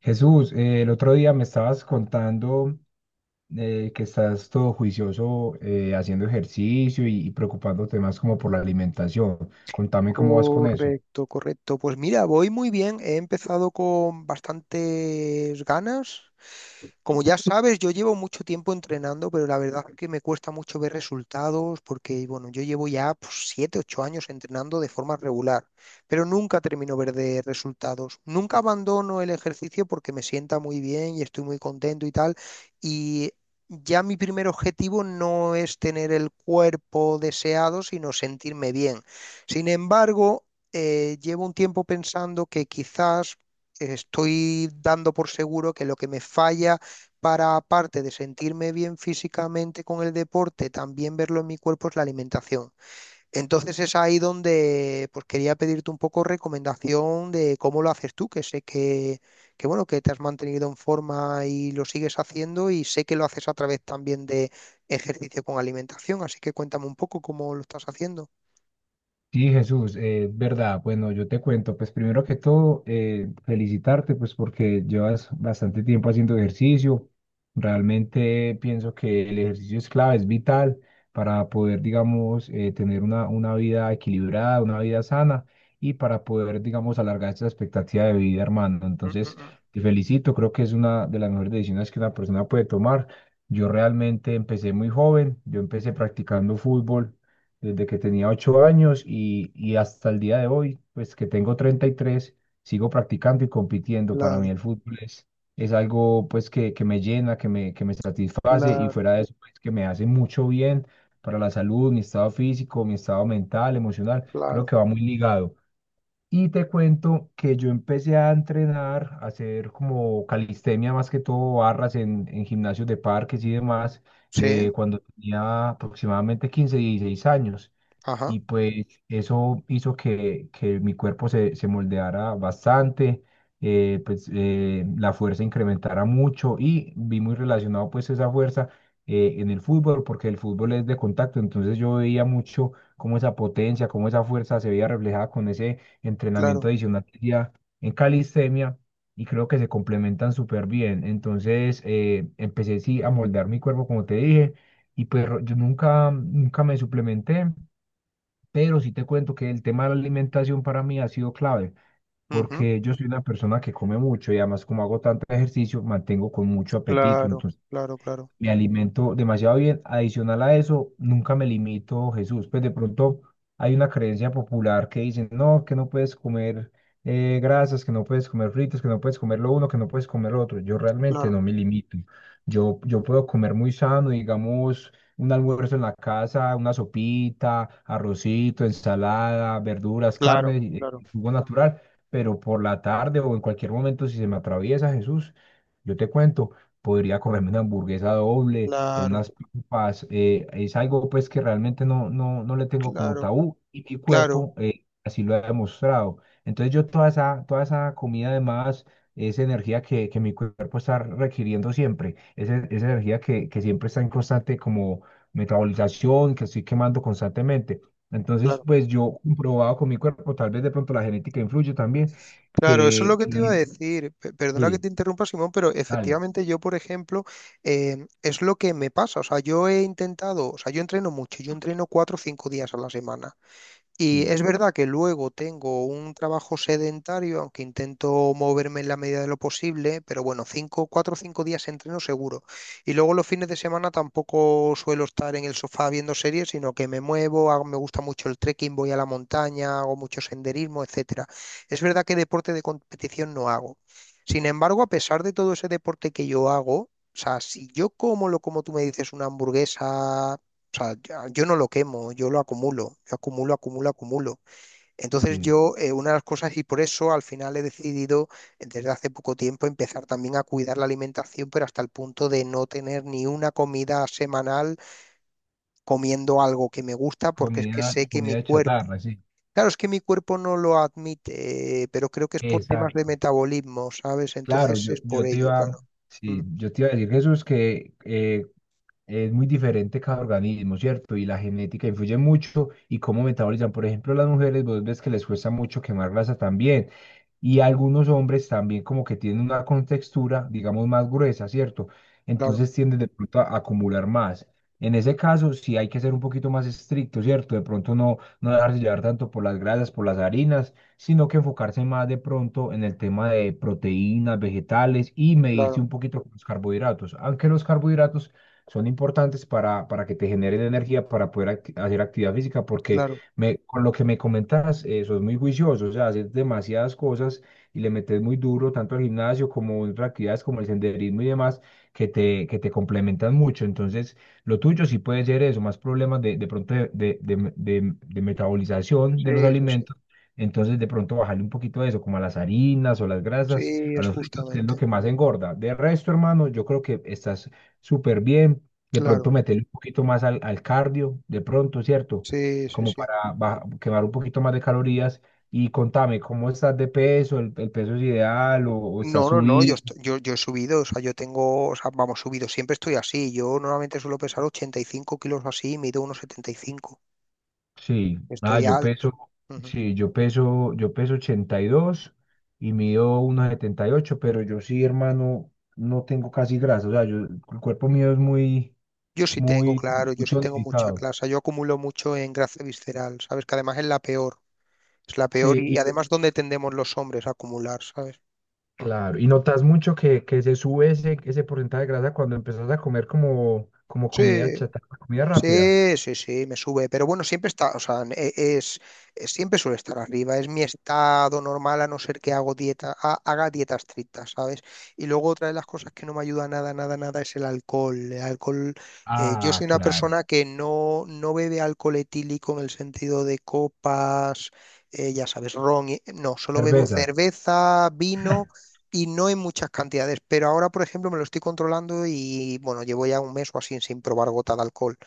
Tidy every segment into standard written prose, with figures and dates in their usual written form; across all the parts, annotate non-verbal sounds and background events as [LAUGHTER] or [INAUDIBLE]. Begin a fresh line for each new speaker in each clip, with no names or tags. Jesús, el otro día me estabas contando que estás todo juicioso, haciendo ejercicio y preocupándote más como por la alimentación. Contame cómo vas con eso.
Correcto, correcto. Pues mira, voy muy bien. He empezado con bastantes ganas. Como ya sabes, yo llevo mucho tiempo entrenando, pero la verdad es que me cuesta mucho ver resultados porque, bueno, yo llevo ya pues, 7, 8 años entrenando de forma regular, pero nunca termino ver de resultados. Nunca abandono el ejercicio porque me sienta muy bien y estoy muy contento y tal. Y ya mi primer objetivo no es tener el cuerpo deseado, sino sentirme bien. Sin embargo, llevo un tiempo pensando que quizás estoy dando por seguro que lo que me falla para, aparte de sentirme bien físicamente con el deporte, también verlo en mi cuerpo es la alimentación. Entonces es ahí donde pues, quería pedirte un poco recomendación de cómo lo haces tú, que sé que, bueno, que te has mantenido en forma y lo sigues haciendo y sé que lo haces a través también de ejercicio con alimentación, así que cuéntame un poco cómo lo estás haciendo.
Sí, Jesús, verdad. Bueno, yo te cuento, pues primero que todo, felicitarte, pues porque llevas bastante tiempo haciendo ejercicio. Realmente pienso que el ejercicio es clave, es vital para poder, digamos, tener una vida equilibrada, una vida sana, y para poder, digamos, alargar esa expectativa de vida, hermano.
Mm,
Entonces,
mm, mm.
te felicito, creo que es una de las mejores decisiones que una persona puede tomar. Yo realmente empecé muy joven, yo empecé practicando fútbol desde que tenía 8 años, y hasta el día de hoy, pues que tengo 33, sigo practicando y compitiendo. Para mí
Claro.
el fútbol es algo, pues que me llena, que me satisface, y
Claro,
fuera de eso, pues, que me hace mucho bien para la salud, mi estado físico, mi estado mental, emocional. Creo
claro.
que va muy ligado. Y te cuento que yo empecé a entrenar, a hacer como calistenia más que todo, barras en gimnasios de parques y demás,
Sí,
cuando tenía aproximadamente 15, 16 años.
ajá,
Y pues eso hizo que mi cuerpo se moldeara bastante, pues, la fuerza incrementara mucho, y vi muy relacionado pues esa fuerza, en el fútbol, porque el fútbol es de contacto. Entonces yo veía mucho cómo esa potencia, cómo esa fuerza se veía reflejada con ese entrenamiento
claro.
adicional que hacía en calistenia, y creo que se complementan súper bien. Entonces, empecé sí a moldear mi cuerpo, como te dije, y pues yo nunca me suplementé, pero sí te cuento que el tema de la alimentación para mí ha sido clave,
Ujú,
porque yo soy una persona que come mucho, y además, como hago tanto ejercicio, mantengo con mucho apetito.
Claro,
Entonces
claro, claro,
me alimento demasiado bien. Adicional a eso, nunca me limito, Jesús. Pues de pronto hay una creencia popular que dicen, no, que no puedes comer, grasas, que no puedes comer fritos, que no puedes comer lo uno, que no puedes comer lo otro. Yo realmente
claro,
no me limito. Yo puedo comer muy sano, digamos, un almuerzo en la casa, una sopita, arrocito, ensalada, verduras,
claro,
carne,
claro,
jugo natural. Pero por la tarde, o en cualquier momento, si se me atraviesa, Jesús, yo te cuento, podría comerme una hamburguesa doble o
claro,
unas papas. Es algo, pues, que realmente no le tengo como
claro,
tabú, y mi
claro,
cuerpo, así lo ha demostrado. Entonces, yo toda esa comida, además, esa energía que mi cuerpo está requiriendo siempre, esa energía que siempre está en constante como metabolización, que estoy quemando constantemente. Entonces,
claro.
pues, yo he comprobado con mi cuerpo, tal vez de pronto la genética influye también,
Claro, eso es lo
que,
que te iba a
que-
decir. Perdona que
sí,
te interrumpa, Simón, pero
dale,
efectivamente yo, por ejemplo, es lo que me pasa. O sea, yo he intentado, o sea, yo entreno mucho, yo entreno 4 o 5 días a la semana. Y
sí,
es verdad que luego tengo un trabajo sedentario, aunque intento moverme en la medida de lo posible, pero bueno, cinco, 4 o 5 días entreno seguro. Y luego los fines de semana tampoco suelo estar en el sofá viendo series, sino que me muevo, me gusta mucho el trekking, voy a la montaña, hago mucho senderismo, etcétera. Es verdad que deporte de competición no hago. Sin embargo, a pesar de todo ese deporte que yo hago, o sea, si yo como lo como tú me dices, una hamburguesa o sea, yo no lo quemo, yo lo acumulo, yo acumulo, acumulo, acumulo. Entonces
sí.
yo, una de las cosas, y por eso al final he decidido desde hace poco tiempo empezar también a cuidar la alimentación, pero hasta el punto de no tener ni una comida semanal comiendo algo que me gusta, porque es que
Comida,
sé que mi
comida
cuerpo,
chatarra, sí.
claro, es que mi cuerpo no lo admite, pero creo que es por temas de
Exacto.
metabolismo, ¿sabes? Entonces
Claro, yo,
es por
yo te
ello,
iba,
claro. Mm.
sí, yo te iba a decir, Jesús, que, es muy diferente cada organismo, ¿cierto? Y la genética influye mucho, y cómo metabolizan. Por ejemplo, las mujeres, vos ves que les cuesta mucho quemar grasa también. Y algunos hombres también, como que tienen una contextura, digamos, más gruesa, ¿cierto?
Claro,
Entonces tienden de pronto a acumular más. En ese caso, sí hay que ser un poquito más estricto, ¿cierto? De pronto no dejarse llevar tanto por las grasas, por las harinas, sino que enfocarse más, de pronto, en el tema de proteínas, vegetales, y medirse
claro,
un poquito con los carbohidratos. Aunque los carbohidratos son importantes para que te generen energía, para poder hacer actividad física, porque,
claro.
con lo que me comentas, sos muy juicioso. O sea, haces demasiadas cosas, y le metes muy duro, tanto al gimnasio como en otras actividades como el senderismo y demás, que te complementan mucho. Entonces, lo tuyo sí puede ser eso, más problemas de pronto de metabolización de los
Sí, sí, sí.
alimentos. Entonces, de pronto bajarle un poquito a eso, como a las harinas, o las grasas,
Sí,
a
es
los fritos, que es lo
justamente.
que más engorda. De resto, hermano, yo creo que estás súper bien. De pronto
Claro.
meterle un poquito más al cardio, de pronto, ¿cierto?
Sí, sí,
Como
sí.
para quemar un poquito más de calorías. Y contame, ¿cómo estás de peso? ¿El peso es ideal, o está
No, no, no, yo,
subido?
yo he subido, o sea, yo tengo, o sea, vamos, subido, siempre estoy así. Yo normalmente suelo pesar 85 kilos o así, mido unos cinco.
Sí,
Estoy
yo peso,
alto. Ujú.
sí, yo peso, yo peso 82, y mido 1,78, pero yo sí, hermano, no tengo casi grasa. O sea, yo, el cuerpo mío es muy,
Yo sí tengo,
muy,
claro, yo
muy
sí tengo mucha
tonificado.
clase, yo acumulo mucho en grasa visceral, ¿sabes? Que además es la peor
Sí.
y además donde tendemos los hombres a acumular, ¿sabes?
Claro, y notas mucho que se sube ese porcentaje de grasa cuando empezás a comer como comida
Sí,
chatarra, comida rápida.
sí, sí, sí, me sube, pero bueno, siempre está, o sea, es, siempre suele estar arriba, es mi estado normal a no ser que hago dieta, haga dieta estricta, ¿sabes? Y luego otra de las cosas que no me ayuda nada, nada, nada es el alcohol. El alcohol, yo
Ah,
soy una
claro.
persona que no, no bebe alcohol etílico en el sentido de copas, ya sabes, ron, no, solo bebo
Cerveza.
cerveza, vino. Y no en muchas cantidades, pero ahora, por ejemplo, me lo estoy controlando y bueno, llevo ya un mes o así sin probar gota de alcohol.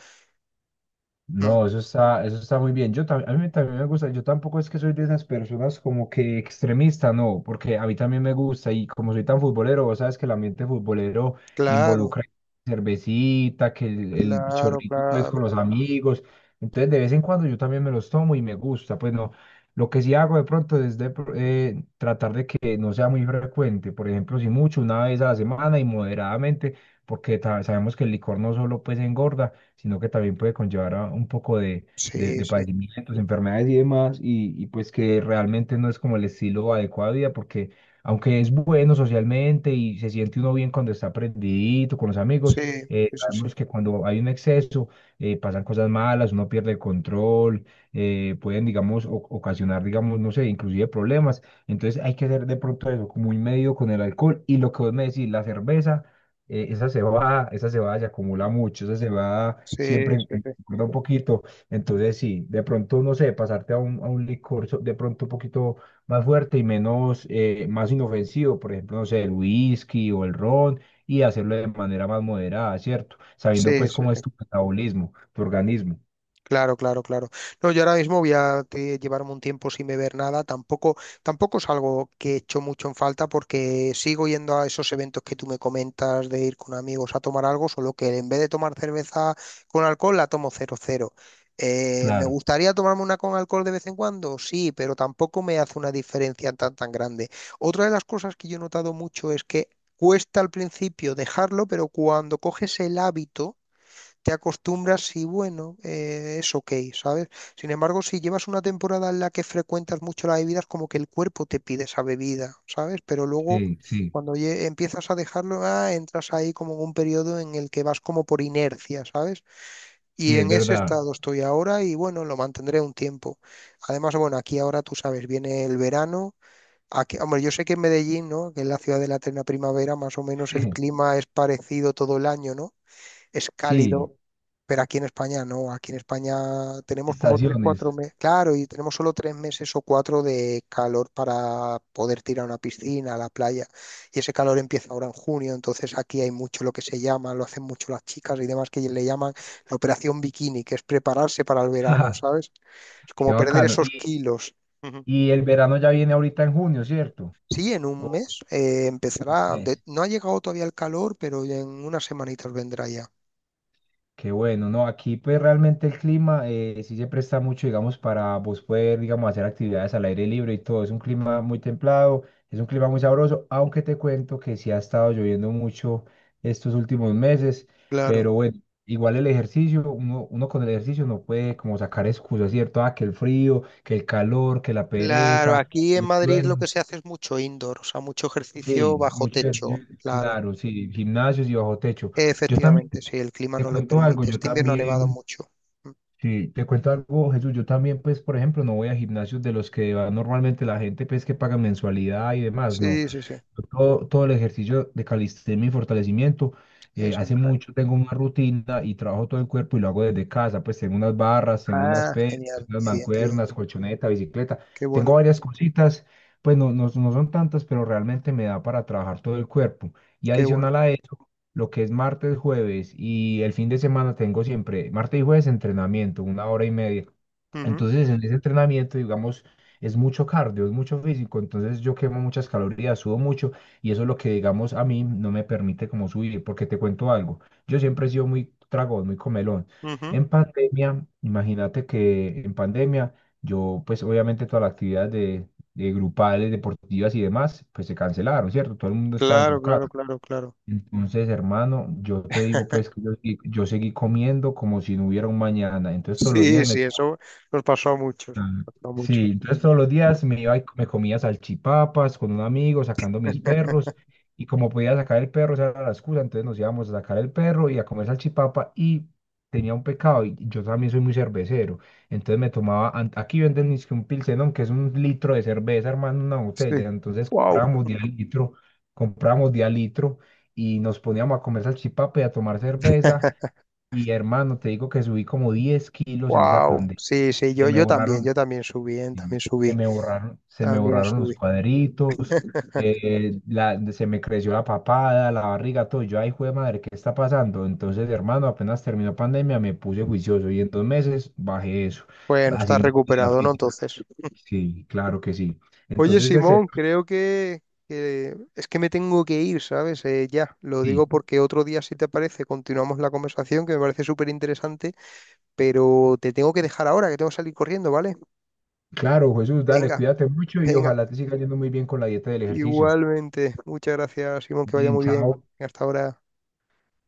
Mm.
No, eso está muy bien. A mí también me gusta. Yo tampoco, es que soy de esas personas como que extremista, no, porque a mí también me gusta, y como soy tan futbolero, vos sabes que el ambiente futbolero
Claro,
involucra cervecita, que el
claro,
chorrito, pues,
claro.
con los amigos. Entonces, de vez en cuando yo también me los tomo y me gusta, pues no. Lo que sí hago, de pronto, es tratar de que no sea muy frecuente. Por ejemplo, si mucho, una vez a la semana y moderadamente, porque sabemos que el licor no solo, pues, engorda, sino que también puede conllevar a un poco de, de,
Sí,
de
sí,
padecimientos, enfermedades y demás, y pues, que realmente no es como el estilo adecuado de vida, porque, aunque es bueno socialmente y se siente uno bien cuando está prendidito con los
sí,
amigos,
sí, sí, sí.
sabemos que cuando hay un exceso, pasan cosas malas, uno pierde el control. Pueden, digamos, ocasionar, digamos, no sé, inclusive problemas. Entonces hay que hacer de pronto eso, como un medio con el alcohol. Y lo que vos me decís, la cerveza, esa se va, se acumula
Mm.
mucho, esa se va
Sí,
siempre
sí, sí.
recuerda un poquito. Entonces, sí, de pronto, no sé, pasarte a un licor, de pronto, un poquito más fuerte y menos, más inofensivo. Por ejemplo, no sé, el whisky o el ron, y hacerlo de manera más moderada, ¿cierto? Sabiendo,
Sí,
pues,
sí,
cómo es
sí.
tu metabolismo, tu organismo.
Claro, claro, claro. No, yo ahora mismo voy a llevarme un tiempo sin beber nada. Tampoco es algo que echo mucho en falta porque sigo yendo a esos eventos que tú me comentas de ir con amigos a tomar algo, solo que en vez de tomar cerveza con alcohol, la tomo cero cero. ¿Me
Claro,
gustaría tomarme una con alcohol de vez en cuando? Sí, pero tampoco me hace una diferencia tan tan grande. Otra de las cosas que yo he notado mucho es que cuesta al principio dejarlo, pero cuando coges el hábito te acostumbras y bueno, es ok, ¿sabes? Sin embargo, si llevas una temporada en la que frecuentas mucho las bebidas, como que el cuerpo te pide esa bebida, ¿sabes? Pero luego,
sí, sí,
cuando empiezas a dejarlo, ah, entras ahí como en un periodo en el que vas como por inercia, ¿sabes? Y
sí, es
en ese
verdad.
estado estoy ahora y bueno, lo mantendré un tiempo. Además, bueno, aquí ahora tú sabes, viene el verano. Aquí, hombre, yo sé que en Medellín, ¿no? Que es la ciudad de la eterna primavera, más o menos el
[LAUGHS]
clima es parecido todo el año, ¿no? Es
Sí,
cálido, pero aquí en España no, aquí en España tenemos como tres, cuatro
estaciones.
meses, claro, y tenemos solo 3 meses o 4 de calor para poder tirar a una piscina, a la playa, y ese calor empieza ahora en junio, entonces aquí hay mucho lo que se llama, lo hacen mucho las chicas y demás, que le llaman la operación bikini, que es prepararse para el verano,
[LAUGHS]
¿sabes? Es
Qué
como perder
bacano.
esos
Y,
kilos. Ujú.
y el verano ya viene ahorita en junio, ¿cierto?
Sí, en un mes empezará.
Mes.
No ha llegado todavía el calor, pero en unas semanitas vendrá ya.
Qué bueno. No, aquí, pues, realmente el clima, sí se presta mucho, digamos, para vos poder, digamos, hacer actividades al aire libre y todo. Es un clima muy templado, es un clima muy sabroso, aunque te cuento que sí ha estado lloviendo mucho estos últimos meses.
Claro.
Pero bueno, igual el ejercicio, uno con el ejercicio no puede como sacar excusas, ¿cierto? Ah, que el frío, que el calor, que la
Claro,
pereza,
aquí en
el
Madrid lo que
sueño.
se hace es mucho indoor, o sea, mucho
Sí,
ejercicio bajo
mucho
techo,
ejercicio,
claro.
claro, sí, gimnasios y bajo techo. Yo también,
Efectivamente, sí, el clima
te
no lo
cuento algo,
permite.
yo
Este invierno ha nevado
también.
mucho. Mm.
Sí, te cuento algo, Jesús. Yo también, pues, por ejemplo, no voy a gimnasios de los que va normalmente la gente, pues, que paga mensualidad y demás. No,
Sí, sí, sí,
yo todo el ejercicio de calistenia y fortalecimiento.
es en
Hace
Cádiz.
mucho tengo una rutina, y trabajo todo el cuerpo, y lo hago desde casa. Pues tengo unas barras, tengo unas
Ah,
pesas,
genial,
unas
qué bien, qué bien,
mancuernas, colchoneta, bicicleta.
qué
Tengo
bueno,
varias cositas, pues no son tantas, pero realmente me da para trabajar todo el cuerpo. Y
qué bueno.
adicional a lo que es martes, jueves y el fin de semana, tengo siempre martes y jueves entrenamiento, una hora y media.
Ujú,
Entonces, en ese entrenamiento, digamos, es mucho cardio, es mucho físico. Entonces yo quemo muchas calorías, sudo mucho, y eso es lo que, digamos, a mí no me permite como subir, porque te cuento algo, yo siempre he sido muy tragón, muy comelón.
ujú.
En pandemia, imagínate que en pandemia, yo, pues obviamente, todas las actividades de grupales, deportivas y demás, pues se cancelaron, ¿cierto? Todo el mundo estaba en sus
Claro, claro,
casas.
claro, claro.
Entonces, hermano, yo te digo pues que yo seguí comiendo como si no hubiera un mañana. Entonces todos los
Sí,
días me
sí, eso nos pasó a muchos,
Ah,
nos pasó a muchos.
sí, entonces todos los días me iba y me comía salchipapas con un amigo sacando mis perros,
[LAUGHS]
y como podía sacar el perro, esa era la excusa, entonces nos íbamos a sacar el perro y a comer salchipapa. Y tenía un pecado, y yo también soy muy cervecero, entonces me tomaba, aquí venden es que un pilsenón, que es un litro de cerveza, hermano, una
Sí.
botella. Entonces
Wow.
comprábamos de a litro, y nos poníamos a comer salchipapa y a tomar cerveza, y hermano, te digo que subí como 10 kilos en esa
Wow. [LAUGHS]
pandemia.
Sí, sí, yo,
Se me
yo también,
borraron.
yo también subí, ¿eh?
Y
También
Se
subí,
me borraron, se me
también
borraron los
subí.
cuadritos.
[LAUGHS]
Se me creció la papada, la barriga, todo. Yo, ay, de madre, ¿qué está pasando? Entonces, hermano, apenas terminó pandemia, me puse juicioso, y en 2 meses bajé eso,
Bueno, estás
haciendo actividad
recuperado, ¿no?
física.
Entonces.
Sí, claro que sí.
Oye,
Entonces, ese,
Simón, creo que, es que me tengo que ir, ¿sabes? Ya, lo
sí,
digo porque otro día, si te parece, continuamos la conversación, que me parece súper interesante, pero te tengo que dejar ahora, que tengo que salir corriendo, ¿vale?
claro, Jesús, dale,
Venga,
cuídate mucho, y
venga.
ojalá te siga yendo muy bien con la dieta del ejercicio.
Igualmente. Muchas gracias, Simón, que vaya
Bien,
muy bien.
chao.
Hasta ahora.